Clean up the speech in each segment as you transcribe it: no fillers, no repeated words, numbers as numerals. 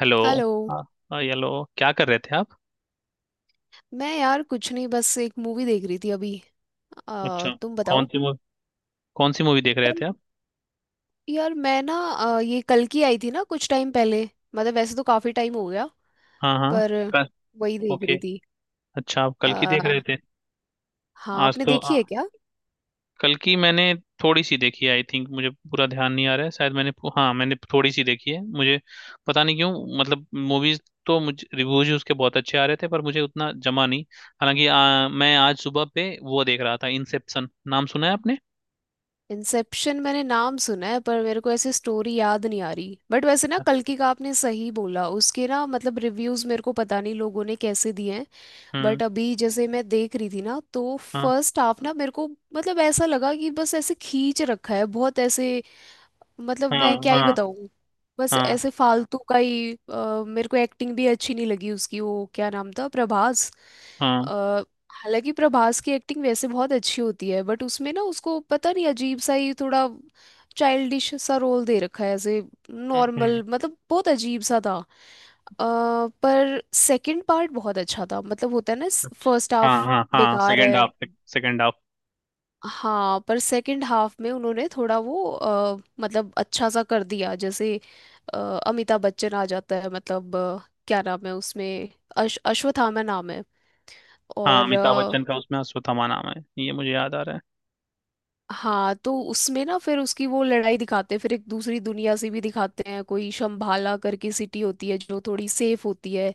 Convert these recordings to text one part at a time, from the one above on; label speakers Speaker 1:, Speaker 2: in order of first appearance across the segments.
Speaker 1: Hello.
Speaker 2: Hello.
Speaker 1: हाँ, हाँ, hello. क्या कर रहे थे आप?
Speaker 2: मैं यार कुछ नहीं, बस एक मूवी देख रही थी अभी।
Speaker 1: अच्छा।
Speaker 2: तुम
Speaker 1: कौन
Speaker 2: बताओ।
Speaker 1: सी मूवी? कौन सी मूवी देख रहे
Speaker 2: यार
Speaker 1: थे आप?
Speaker 2: यार मैं ना ये कल की आई थी ना, कुछ टाइम पहले। मतलब वैसे तो काफी टाइम हो गया,
Speaker 1: हाँ, हाँ।
Speaker 2: पर
Speaker 1: कल।
Speaker 2: वही देख
Speaker 1: ओके।
Speaker 2: रही थी।
Speaker 1: अच्छा, आप कल की देख
Speaker 2: आ,
Speaker 1: रहे थे?
Speaker 2: हाँ,
Speaker 1: आज
Speaker 2: आपने
Speaker 1: तो
Speaker 2: देखी है क्या?
Speaker 1: कल की मैंने थोड़ी सी देखी है, आई थिंक मुझे पूरा ध्यान नहीं आ रहा है, शायद मैंने हाँ, मैंने थोड़ी सी देखी है। मुझे पता नहीं क्यों, मतलब मूवीज तो मुझे रिव्यूज उसके बहुत अच्छे आ रहे थे पर मुझे उतना जमा नहीं। हालांकि मैं आज सुबह पे वो देख रहा था। इंसेप्शन नाम सुना है आपने?
Speaker 2: इंसेप्शन मैंने नाम सुना है, पर मेरे को ऐसे स्टोरी याद नहीं आ रही। बट वैसे ना, कल की का आपने सही बोला, उसके ना मतलब रिव्यूज मेरे को पता नहीं लोगों ने कैसे दिए हैं।
Speaker 1: हम्म।
Speaker 2: बट अभी जैसे मैं देख रही थी ना, तो
Speaker 1: हाँ,
Speaker 2: फर्स्ट हाफ ना मेरे को, मतलब ऐसा लगा कि बस ऐसे खींच रखा है बहुत ऐसे। मतलब
Speaker 1: हाँ।
Speaker 2: मैं क्या ही
Speaker 1: हाँ,
Speaker 2: बताऊँ। बस
Speaker 1: हाँ।
Speaker 2: ऐसे फालतू का ही। मेरे को एक्टिंग भी अच्छी नहीं लगी उसकी, वो क्या नाम था, प्रभास।
Speaker 1: हाँ,
Speaker 2: अ, हालांकि प्रभास की एक्टिंग वैसे बहुत अच्छी होती है, बट उसमें ना, उसको पता नहीं अजीब सा ही थोड़ा चाइल्डिश सा रोल दे रखा है ऐसे।
Speaker 1: हम्म,
Speaker 2: नॉर्मल मतलब बहुत अजीब सा था। अ, पर सेकंड पार्ट बहुत अच्छा था। मतलब होता है ना, फर्स्ट
Speaker 1: हाँ,
Speaker 2: हाफ
Speaker 1: हाँ, हाँ
Speaker 2: बेकार
Speaker 1: सेकंड
Speaker 2: है।
Speaker 1: हाफ। Second half.
Speaker 2: हाँ पर सेकंड हाफ में उन्होंने थोड़ा वो मतलब अच्छा सा कर दिया। जैसे अ, अमिताभ बच्चन आ जाता है, मतलब क्या नाम है उसमें, अश्वत्थामा नाम है।
Speaker 1: हाँ,
Speaker 2: और
Speaker 1: अमिताभ बच्चन का उसमें अश्वत्थामा नाम है। ये मुझे याद आ रहा है।
Speaker 2: हाँ तो उसमें ना फिर उसकी वो लड़ाई दिखाते हैं, फिर एक दूसरी दुनिया से भी दिखाते हैं, कोई शंभाला करके सिटी होती है जो थोड़ी सेफ होती है।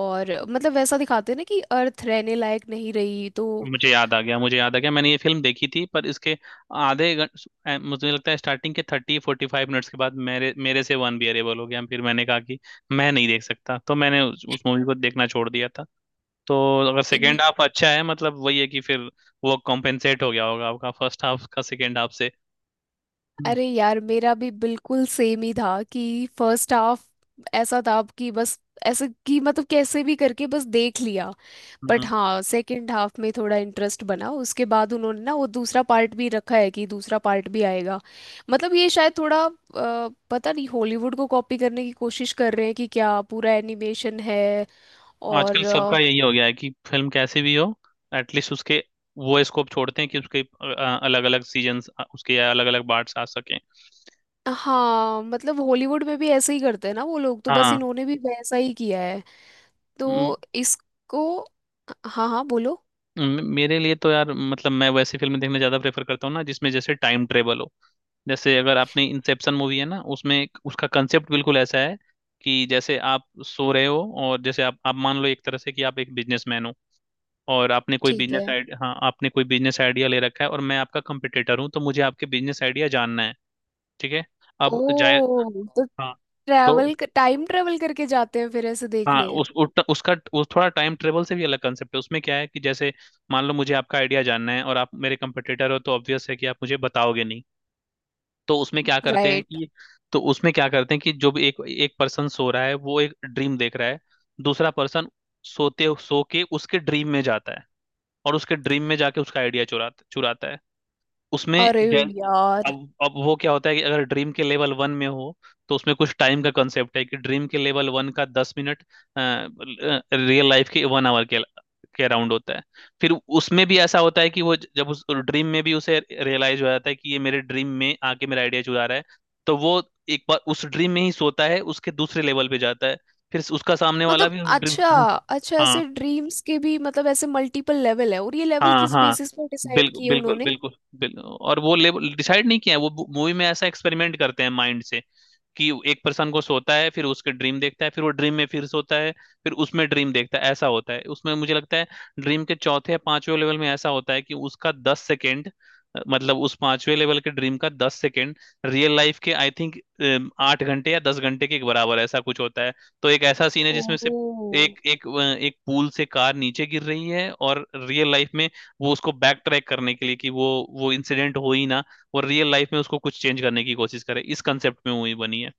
Speaker 2: और मतलब वैसा दिखाते हैं ना कि अर्थ रहने लायक नहीं रही, तो।
Speaker 1: मुझे याद आ गया, मुझे याद आ गया, मैंने ये फिल्म देखी थी पर इसके आधे घंटे, मुझे लगता है स्टार्टिंग के थर्टी फोर्टी फाइव मिनट्स के बाद मेरे मेरे से वन अरेबल हो गया। फिर मैंने कहा कि मैं नहीं देख सकता, तो मैंने उस मूवी को देखना छोड़ दिया था। तो अगर सेकेंड
Speaker 2: ये-
Speaker 1: हाफ अच्छा है, मतलब वही है कि फिर वो कॉम्पेंसेट हो गया होगा आपका फर्स्ट हाफ का सेकेंड हाफ
Speaker 2: अरे यार, मेरा भी बिल्कुल सेम ही था कि फर्स्ट हाफ ऐसा था कि बस, ऐसे कि मतलब कैसे भी करके बस देख लिया। बट
Speaker 1: से।
Speaker 2: हाँ, सेकंड हाफ में थोड़ा इंटरेस्ट बना, उसके बाद उन्होंने ना वो दूसरा पार्ट भी रखा है कि दूसरा पार्ट भी आएगा। मतलब ये शायद थोड़ा पता नहीं हॉलीवुड को कॉपी करने की कोशिश कर रहे हैं कि क्या, पूरा एनिमेशन है।
Speaker 1: आजकल
Speaker 2: और
Speaker 1: सबका यही हो गया है कि फिल्म कैसी भी हो, एटलीस्ट उसके, वो स्कोप छोड़ते हैं कि उसके अलग अलग सीजन्स, उसके अलग अलग पार्ट्स आ सकें।
Speaker 2: हाँ मतलब हॉलीवुड में भी ऐसे ही करते हैं ना वो लोग, तो बस
Speaker 1: हाँ।
Speaker 2: इन्होंने भी वैसा ही किया है।
Speaker 1: म-
Speaker 2: तो इसको। हाँ हाँ, बोलो।
Speaker 1: मेरे लिए तो यार, मतलब मैं वैसी फिल्में देखना ज्यादा प्रेफर करता हूँ ना, जिसमें जैसे टाइम ट्रेवल हो। जैसे अगर आपने इंसेप्शन मूवी है ना, उसमें उसका कंसेप्ट बिल्कुल ऐसा है कि जैसे आप सो रहे हो, और जैसे आप मान लो एक तरह से कि आप एक बिजनेसमैन हो, और आपने कोई
Speaker 2: ठीक
Speaker 1: बिजनेस
Speaker 2: है।
Speaker 1: आइडिया, हाँ, आपने कोई बिजनेस आइडिया ले रखा है और मैं आपका कंपटीटर हूँ, तो मुझे आपके बिजनेस आइडिया जानना है। ठीक है। अब जाए।
Speaker 2: ओ, तो
Speaker 1: हाँ। तो
Speaker 2: ट्रैवल, टाइम ट्रैवल करके जाते हैं फिर ऐसे
Speaker 1: हाँ,
Speaker 2: देखने।
Speaker 1: उसका उस थोड़ा टाइम ट्रेवल से भी अलग कंसेप्ट है। उसमें क्या है कि जैसे मान लो मुझे आपका आइडिया जानना है और आप मेरे कंपटीटर हो, तो ऑब्वियस है कि आप मुझे बताओगे नहीं। तो उसमें क्या करते हैं
Speaker 2: राइट।
Speaker 1: कि, तो उसमें क्या करते हैं कि जो भी एक एक पर्सन सो रहा है वो एक ड्रीम देख रहा है, दूसरा पर्सन सोते सो के उसके ड्रीम में जाता है, और उसके ड्रीम में जाके उसका आइडिया चुराता चुराता है। उसमें
Speaker 2: अरे यार,
Speaker 1: अब अब वो क्या होता है कि अगर ड्रीम के लेवल वन में हो, तो उसमें कुछ टाइम का कंसेप्ट है कि ड्रीम के लेवल वन का 10 मिनट रियल लाइफ के वन आवर के अराउंड होता है। फिर उसमें भी ऐसा होता है कि वो जब उस ड्रीम में भी उसे रियलाइज हो जाता है कि ये मेरे ड्रीम में आके मेरा आइडिया चुरा रहा है, तो वो एक बार उस ड्रीम में ही सोता है, उसके दूसरे लेवल पे जाता है। फिर उसका सामने वाला
Speaker 2: मतलब
Speaker 1: भी उस ड्रीम।
Speaker 2: अच्छा,
Speaker 1: हाँ।
Speaker 2: अच्छा
Speaker 1: हाँ,
Speaker 2: ऐसे ड्रीम्स के भी, मतलब ऐसे मल्टीपल लेवल है, और ये लेवल
Speaker 1: हाँ,
Speaker 2: किस
Speaker 1: हाँ,
Speaker 2: बेसिस पर डिसाइड
Speaker 1: बिल्कुल
Speaker 2: किए
Speaker 1: बिल्कुल
Speaker 2: उन्होंने?
Speaker 1: बिल्कुल, बिल्कुल। और वो लेवल डिसाइड नहीं किया है, वो मूवी में ऐसा एक्सपेरिमेंट करते हैं माइंड से कि एक पर्सन को सोता है, फिर उसके ड्रीम देखता है, फिर वो ड्रीम में फिर सोता है, फिर उसमें ड्रीम देखता है। ऐसा होता है उसमें, मुझे लगता है ड्रीम के चौथे या पांचवें लेवल में ऐसा होता है कि उसका 10 सेकेंड, मतलब उस पांचवें लेवल के ड्रीम का 10 सेकेंड, रियल लाइफ के आई थिंक 8 घंटे या 10 घंटे के बराबर, ऐसा कुछ होता है। तो एक ऐसा सीन है जिसमें से
Speaker 2: ओ
Speaker 1: एक एक अ, एक पूल से कार नीचे गिर रही है, और रियल लाइफ में वो उसको बैक ट्रैक करने के लिए कि वो इंसिडेंट हो ही ना। और रियल लाइफ में उसको कुछ चेंज करने की कोशिश करे, इस कंसेप्ट में मूवी बनी है।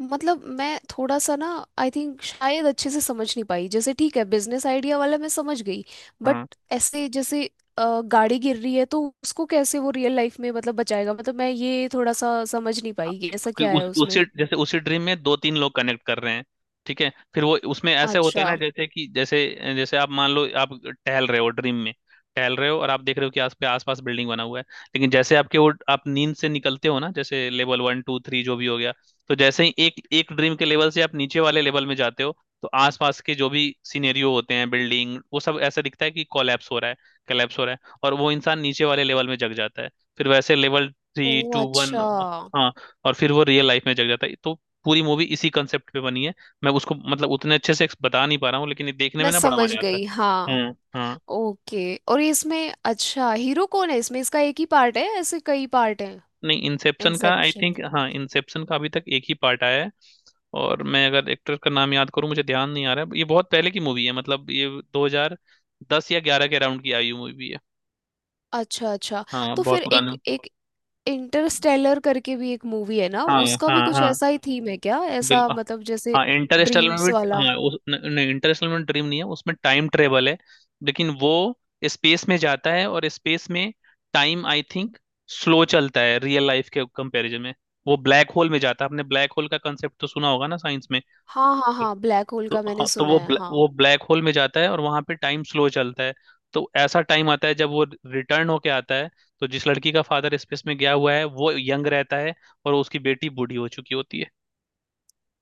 Speaker 2: मतलब मैं थोड़ा सा ना, आई थिंक शायद अच्छे से समझ नहीं पाई। जैसे ठीक है, बिजनेस आइडिया वाला मैं समझ गई, बट
Speaker 1: हाँ,
Speaker 2: ऐसे जैसे गाड़ी गिर रही है तो उसको कैसे वो रियल लाइफ में मतलब बचाएगा, मतलब मैं ये थोड़ा सा समझ नहीं
Speaker 1: हाँ,
Speaker 2: पाई कि ऐसा
Speaker 1: क्योंकि
Speaker 2: क्या है
Speaker 1: उस
Speaker 2: उसमें।
Speaker 1: उसी जैसे उसी ड्रीम में दो तीन लोग कनेक्ट कर रहे हैं, ठीक है। फिर वो उसमें
Speaker 2: वो
Speaker 1: ऐसे होता है ना,
Speaker 2: अच्छा।
Speaker 1: जैसे कि जैसे, जैसे आप मान लो आप टहल रहे हो ड्रीम में, टहल रहे हो और आप देख रहे हो कि आस पे आसपास बिल्डिंग बना हुआ है, लेकिन जैसे आपके वो आप नींद से निकलते हो ना, जैसे लेवल वन टू थ्री जो भी हो गया, तो जैसे ही एक एक ड्रीम के लेवल से आप नीचे वाले लेवल में जाते हो, तो आसपास के जो भी सिनेरियो होते हैं, बिल्डिंग, वो सब ऐसा दिखता है कि कोलैप्स हो रहा है, कोलैप्स हो रहा है, और वो इंसान नीचे वाले लेवल में जग जाता है, फिर वैसे लेवल
Speaker 2: ओ
Speaker 1: थ्री टू वन,
Speaker 2: अच्छा,
Speaker 1: और फिर वो रियल लाइफ में जग जाता है, तो पूरी मूवी इसी कंसेप्ट पे बनी है। मैं उसको मतलब उतने अच्छे से बता नहीं पा रहा हूँ, लेकिन ये देखने
Speaker 2: मैं
Speaker 1: में ना बड़ा
Speaker 2: समझ
Speaker 1: मजा आता
Speaker 2: गई
Speaker 1: है।
Speaker 2: हाँ।
Speaker 1: हम्म। हाँ।
Speaker 2: ओके। और ये इसमें अच्छा, हीरो कौन है इसमें, इसका एक ही पार्ट है ऐसे कई पार्ट हैं?
Speaker 1: नहीं इंसेप्शन का आई
Speaker 2: इंसेप्शन
Speaker 1: थिंक, हाँ इंसेप्शन का अभी तक एक ही पार्ट आया है। और मैं अगर एक्टर का नाम याद करूँ, मुझे ध्यान नहीं आ रहा है। ये बहुत पहले की मूवी है, मतलब ये 2010 या 11 के अराउंड की आई हुई मूवी है।
Speaker 2: अच्छा, अच्छा।
Speaker 1: हाँ,
Speaker 2: तो
Speaker 1: बहुत
Speaker 2: फिर एक
Speaker 1: पुरानी।
Speaker 2: एक इंटरस्टेलर करके भी एक मूवी है ना,
Speaker 1: हाँ,
Speaker 2: उसका भी
Speaker 1: हाँ,
Speaker 2: कुछ
Speaker 1: हाँ,
Speaker 2: ऐसा ही थीम है क्या,
Speaker 1: बिल।
Speaker 2: ऐसा मतलब जैसे
Speaker 1: हाँ, इंटरस्टेलर में
Speaker 2: ड्रीम्स
Speaker 1: भी,
Speaker 2: वाला?
Speaker 1: हाँ, उस, न- नहीं, इंटरस्टेलर में ड्रीम नहीं है, उसमें टाइम ट्रेवल है। लेकिन वो स्पेस में जाता है, और स्पेस में टाइम आई थिंक स्लो चलता है रियल लाइफ के कंपैरिजन में। वो ब्लैक होल में जाता है। आपने ब्लैक होल का कंसेप्ट तो सुना होगा ना साइंस में।
Speaker 2: हाँ हाँ हाँ, ब्लैक होल
Speaker 1: तो
Speaker 2: का मैंने
Speaker 1: हाँ, तो
Speaker 2: सुना
Speaker 1: वो
Speaker 2: है हाँ।
Speaker 1: वो ब्लैक होल में जाता है, और वहां पे टाइम स्लो चलता है, तो ऐसा टाइम आता है जब वो रिटर्न होके आता है, तो जिस लड़की का फादर स्पेस में गया हुआ है वो यंग रहता है, और उसकी बेटी बूढ़ी हो चुकी होती है।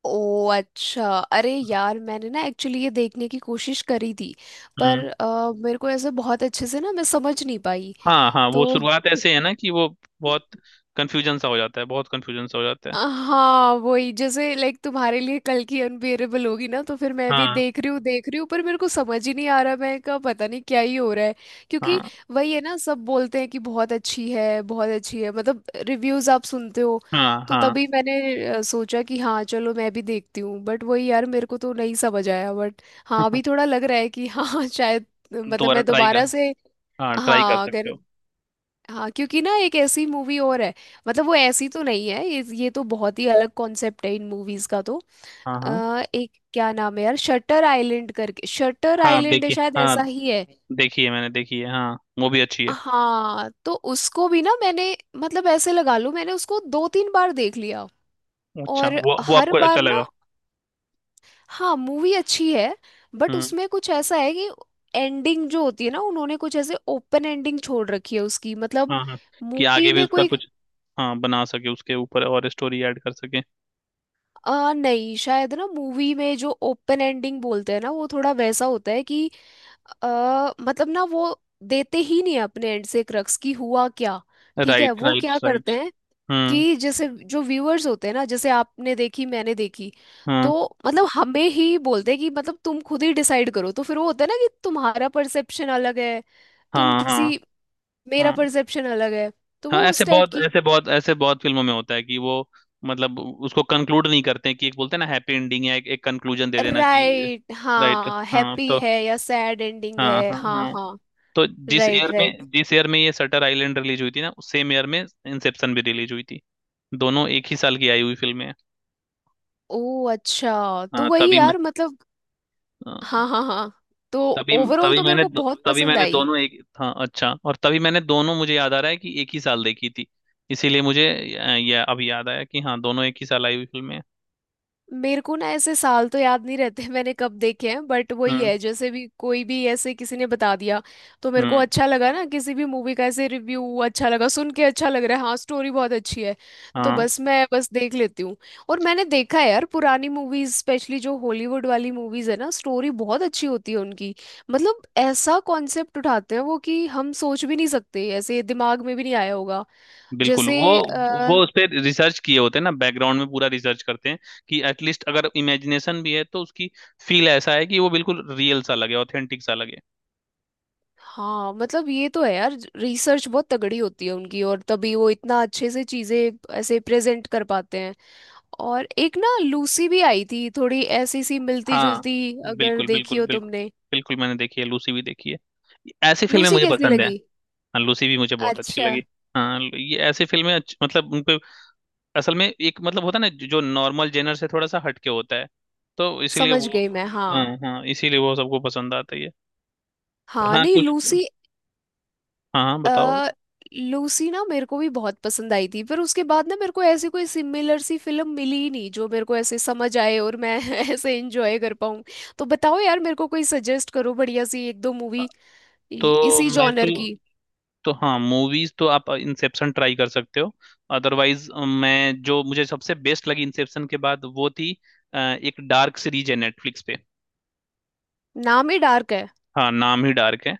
Speaker 2: ओ अच्छा। अरे यार मैंने ना एक्चुअली ये देखने की कोशिश करी थी,
Speaker 1: हम्म।
Speaker 2: पर मेरे को ऐसे बहुत अच्छे से ना मैं समझ नहीं पाई
Speaker 1: हाँ, हाँ, वो
Speaker 2: तो
Speaker 1: शुरुआत ऐसे है ना कि वो बहुत कंफ्यूजन सा हो जाता है, बहुत कंफ्यूजन सा हो जाता है।
Speaker 2: हाँ वही, जैसे लाइक तुम्हारे लिए कल की अनबियरेबल होगी ना, तो फिर मैं भी
Speaker 1: हाँ,
Speaker 2: देख रही हूँ देख रही हूँ, पर मेरे को समझ ही नहीं आ रहा, मैं का पता नहीं क्या ही हो रहा है। क्योंकि
Speaker 1: हाँ,
Speaker 2: वही है ना, सब बोलते हैं कि बहुत अच्छी है, बहुत अच्छी है, मतलब रिव्यूज आप सुनते हो,
Speaker 1: हाँ,
Speaker 2: तो
Speaker 1: हाँ।
Speaker 2: तभी मैंने सोचा कि हाँ चलो मैं भी देखती हूँ, बट वही यार मेरे को तो नहीं समझ आया, बट हाँ अभी थोड़ा लग रहा है कि हाँ शायद। मतलब
Speaker 1: दोबारा
Speaker 2: मैं
Speaker 1: ट्राई
Speaker 2: दोबारा
Speaker 1: कर,
Speaker 2: से।
Speaker 1: हाँ ट्राई कर
Speaker 2: हाँ
Speaker 1: सकते
Speaker 2: अगर।
Speaker 1: हो।
Speaker 2: हाँ क्योंकि ना एक ऐसी मूवी और है, मतलब वो ऐसी तो नहीं है, ये तो बहुत ही अलग कॉन्सेप्ट है इन मूवीज का तो।
Speaker 1: हाँ, हाँ,
Speaker 2: एक क्या नाम है यार, शटर आइलैंड करके, शटर
Speaker 1: हाँ,
Speaker 2: आइलैंड है
Speaker 1: देखिए,
Speaker 2: शायद,
Speaker 1: हाँ,
Speaker 2: ऐसा ही है।
Speaker 1: देखी है, मैंने देखी है। हाँ, वो भी अच्छी है।
Speaker 2: हाँ तो उसको भी ना मैंने, मतलब ऐसे लगा लो मैंने उसको दो तीन बार देख लिया।
Speaker 1: अच्छा,
Speaker 2: और
Speaker 1: वो
Speaker 2: हर
Speaker 1: आपको अच्छा
Speaker 2: बार ना,
Speaker 1: लगा।
Speaker 2: हाँ मूवी अच्छी है, बट
Speaker 1: हम्म।
Speaker 2: उसमें कुछ ऐसा है कि एंडिंग जो होती है ना, उन्होंने कुछ ऐसे ओपन एंडिंग छोड़ रखी है उसकी, मतलब
Speaker 1: हाँ, हाँ, कि
Speaker 2: मूवी
Speaker 1: आगे भी
Speaker 2: में
Speaker 1: उसका
Speaker 2: कोई।
Speaker 1: कुछ, हाँ, बना सके उसके ऊपर और स्टोरी ऐड कर सके।
Speaker 2: नहीं शायद ना, मूवी में जो ओपन एंडिंग बोलते हैं ना, वो थोड़ा वैसा होता है कि मतलब ना वो देते ही नहीं है अपने एंड से क्रक्स की हुआ क्या। ठीक है
Speaker 1: राइट,
Speaker 2: वो
Speaker 1: राइट,
Speaker 2: क्या
Speaker 1: राइट।
Speaker 2: करते हैं
Speaker 1: हम्म।
Speaker 2: कि जैसे जो व्यूअर्स होते हैं ना, जैसे आपने देखी मैंने देखी,
Speaker 1: हाँ,
Speaker 2: तो मतलब हमें ही बोलते हैं कि मतलब तुम खुद ही डिसाइड करो। तो फिर वो होता है ना कि तुम्हारा परसेप्शन अलग है, तुम
Speaker 1: हाँ, हाँ,
Speaker 2: किसी, मेरा
Speaker 1: हाँ,
Speaker 2: परसेप्शन अलग है, तो
Speaker 1: हाँ
Speaker 2: वो
Speaker 1: ऐसे
Speaker 2: उस टाइप
Speaker 1: बहुत,
Speaker 2: की।
Speaker 1: ऐसे बहुत, ऐसे बहुत फिल्मों में होता है कि वो, मतलब उसको कंक्लूड नहीं करते, कि एक बोलते हैं ना हैप्पी एंडिंग, या एक, एक कंक्लूजन दे देना कि।
Speaker 2: Right,
Speaker 1: right.
Speaker 2: हाँ
Speaker 1: हाँ।
Speaker 2: हैप्पी
Speaker 1: तो
Speaker 2: है या सैड एंडिंग
Speaker 1: हाँ,
Speaker 2: है,
Speaker 1: हाँ,
Speaker 2: हाँ
Speaker 1: हाँ,
Speaker 2: हाँ।
Speaker 1: तो जिस
Speaker 2: राइट,
Speaker 1: ईयर
Speaker 2: राइट।
Speaker 1: में, जिस ईयर में ये सटर आइलैंड रिलीज हुई थी ना, उस सेम ईयर में इंसेप्शन भी रिलीज हुई थी। दोनों एक ही साल की आई हुई फिल्में हैं।
Speaker 2: ओ अच्छा तो
Speaker 1: हाँ
Speaker 2: वही
Speaker 1: तभी मैं,
Speaker 2: यार मतलब,
Speaker 1: हाँ,
Speaker 2: हाँ हाँ हाँ। तो
Speaker 1: तभी,
Speaker 2: ओवरऑल
Speaker 1: तभी
Speaker 2: तो मेरे
Speaker 1: मैंने
Speaker 2: को बहुत
Speaker 1: तभी
Speaker 2: पसंद
Speaker 1: मैंने
Speaker 2: आई।
Speaker 1: दोनों एक, हाँ अच्छा, और तभी मैंने दोनों, मुझे याद आ रहा है कि एक ही साल देखी थी, इसीलिए मुझे ये अब याद आया कि हाँ, दोनों एक ही साल आई हुई फिल्में
Speaker 2: मेरे को ना ऐसे साल तो याद नहीं रहते मैंने कब देखे हैं, बट वही
Speaker 1: हैं।
Speaker 2: है जैसे भी, कोई भी ऐसे किसी ने बता दिया तो मेरे को
Speaker 1: हम्म।
Speaker 2: अच्छा लगा ना, किसी भी मूवी का ऐसे रिव्यू अच्छा लगा सुन के, अच्छा लग रहा है, हाँ स्टोरी बहुत अच्छी है, तो
Speaker 1: हाँ,
Speaker 2: बस मैं बस देख लेती हूँ। और मैंने देखा है यार, पुरानी मूवीज स्पेशली जो हॉलीवुड वाली मूवीज है ना, स्टोरी बहुत अच्छी होती है उनकी। मतलब ऐसा कॉन्सेप्ट उठाते हैं वो कि हम सोच भी नहीं सकते, ऐसे दिमाग में भी नहीं आया होगा।
Speaker 1: बिल्कुल,
Speaker 2: जैसे
Speaker 1: वो उस पर रिसर्च किए होते हैं ना, बैकग्राउंड में पूरा रिसर्च करते हैं कि एटलीस्ट अगर इमेजिनेशन भी है तो उसकी फील ऐसा है कि वो बिल्कुल रियल सा लगे, ऑथेंटिक सा लगे।
Speaker 2: हाँ मतलब ये तो है यार, रिसर्च बहुत तगड़ी होती है उनकी, और तभी वो इतना अच्छे से चीजें ऐसे प्रेजेंट कर पाते हैं। और एक ना लूसी भी आई थी, थोड़ी ऐसी सी मिलती
Speaker 1: हाँ,
Speaker 2: जुलती, अगर
Speaker 1: बिल्कुल
Speaker 2: देखी
Speaker 1: बिल्कुल
Speaker 2: हो
Speaker 1: बिल्कुल,
Speaker 2: तुमने।
Speaker 1: बिल्कुल मैंने देखी है, लूसी भी देखी है। ऐसी फिल्में
Speaker 2: लूसी
Speaker 1: मुझे
Speaker 2: कैसी
Speaker 1: पसंद है।
Speaker 2: लगी?
Speaker 1: हाँ, लूसी भी मुझे बहुत अच्छी
Speaker 2: अच्छा,
Speaker 1: लगी। हाँ, ये ऐसी फिल्में मतलब उन पे असल में एक मतलब होता है ना, जो नॉर्मल जेनर से थोड़ा सा हटके होता है, तो इसीलिए
Speaker 2: समझ
Speaker 1: वो,
Speaker 2: गई मैं
Speaker 1: हाँ,
Speaker 2: हाँ।
Speaker 1: हाँ इसीलिए वो सबको पसंद आता ही है। पर
Speaker 2: हाँ
Speaker 1: हाँ
Speaker 2: नहीं
Speaker 1: कुछ,
Speaker 2: लूसी,
Speaker 1: हाँ, हाँ बताओ।
Speaker 2: अ लूसी ना मेरे को भी बहुत पसंद आई थी, पर उसके बाद ना मेरे को ऐसी कोई सिमिलर सी फिल्म मिली ही नहीं जो मेरे को ऐसे समझ आए और मैं ऐसे एंजॉय कर पाऊँ। तो बताओ यार मेरे को, कोई सजेस्ट करो बढ़िया सी एक दो मूवी,
Speaker 1: तो
Speaker 2: इसी
Speaker 1: मैं तो
Speaker 2: जॉनर की।
Speaker 1: तो हाँ, मूवीज तो आप इंसेप्शन ट्राई कर सकते हो, अदरवाइज मैं जो मुझे सबसे बेस्ट लगी इंसेप्शन के बाद, वो थी एक डार्क सीरीज है नेटफ्लिक्स पे।
Speaker 2: नाम ही डार्क है?
Speaker 1: हाँ, नाम ही डार्क है।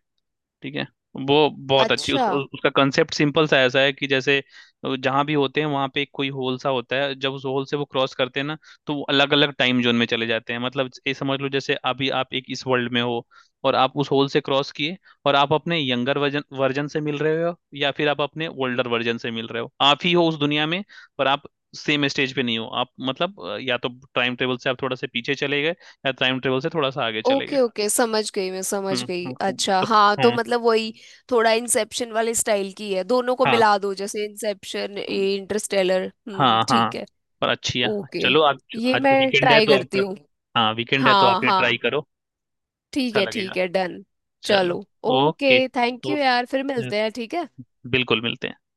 Speaker 1: ठीक है। वो बहुत अच्छी,
Speaker 2: अच्छा।
Speaker 1: उसका उसका कंसेप्ट सिंपल सा ऐसा है कि जैसे जहां भी होते हैं वहां पे एक कोई होल सा होता है, जब उस होल से वो क्रॉस करते हैं ना, तो वो अलग अलग टाइम जोन में चले जाते हैं। मतलब ये समझ लो जैसे अभी आप एक इस वर्ल्ड में हो, और आप उस होल से क्रॉस किए, और आप अपने यंगर वर्जन वर्जन से मिल रहे हो, या फिर आप अपने ओल्डर वर्जन से मिल रहे हो, आप ही हो उस दुनिया में, पर आप सेम स्टेज पे नहीं हो। आप मतलब या तो टाइम ट्रेवल से आप थोड़ा सा पीछे चले गए, या टाइम ट्रेवल से थोड़ा सा आगे चले गए।
Speaker 2: ओके ओके, समझ गई मैं,
Speaker 1: हम्म,
Speaker 2: समझ गई
Speaker 1: हम्म,
Speaker 2: अच्छा।
Speaker 1: तो-
Speaker 2: हाँ तो
Speaker 1: हम्म,
Speaker 2: मतलब वही, थोड़ा इंसेप्शन वाले स्टाइल की है, दोनों को
Speaker 1: हाँ,
Speaker 2: मिला दो जैसे इंसेप्शन इंटरस्टेलर।
Speaker 1: हाँ, हाँ,
Speaker 2: ठीक है।
Speaker 1: पर अच्छी है।
Speaker 2: ओके,
Speaker 1: चलो आप,
Speaker 2: ये
Speaker 1: आज
Speaker 2: मैं
Speaker 1: वीकेंड है
Speaker 2: ट्राई
Speaker 1: तो
Speaker 2: करती
Speaker 1: आप,
Speaker 2: हूँ।
Speaker 1: हाँ वीकेंड है तो
Speaker 2: हाँ
Speaker 1: आप ये ट्राई
Speaker 2: हाँ
Speaker 1: करो।
Speaker 2: ठीक
Speaker 1: अच्छा
Speaker 2: है,
Speaker 1: लगेगा।
Speaker 2: ठीक है, डन।
Speaker 1: चलो।
Speaker 2: चलो। Okay,
Speaker 1: okay.
Speaker 2: Thank you
Speaker 1: okay.
Speaker 2: यार, फिर मिलते हैं, ठीक है।
Speaker 1: बिल्कुल, मिलते हैं।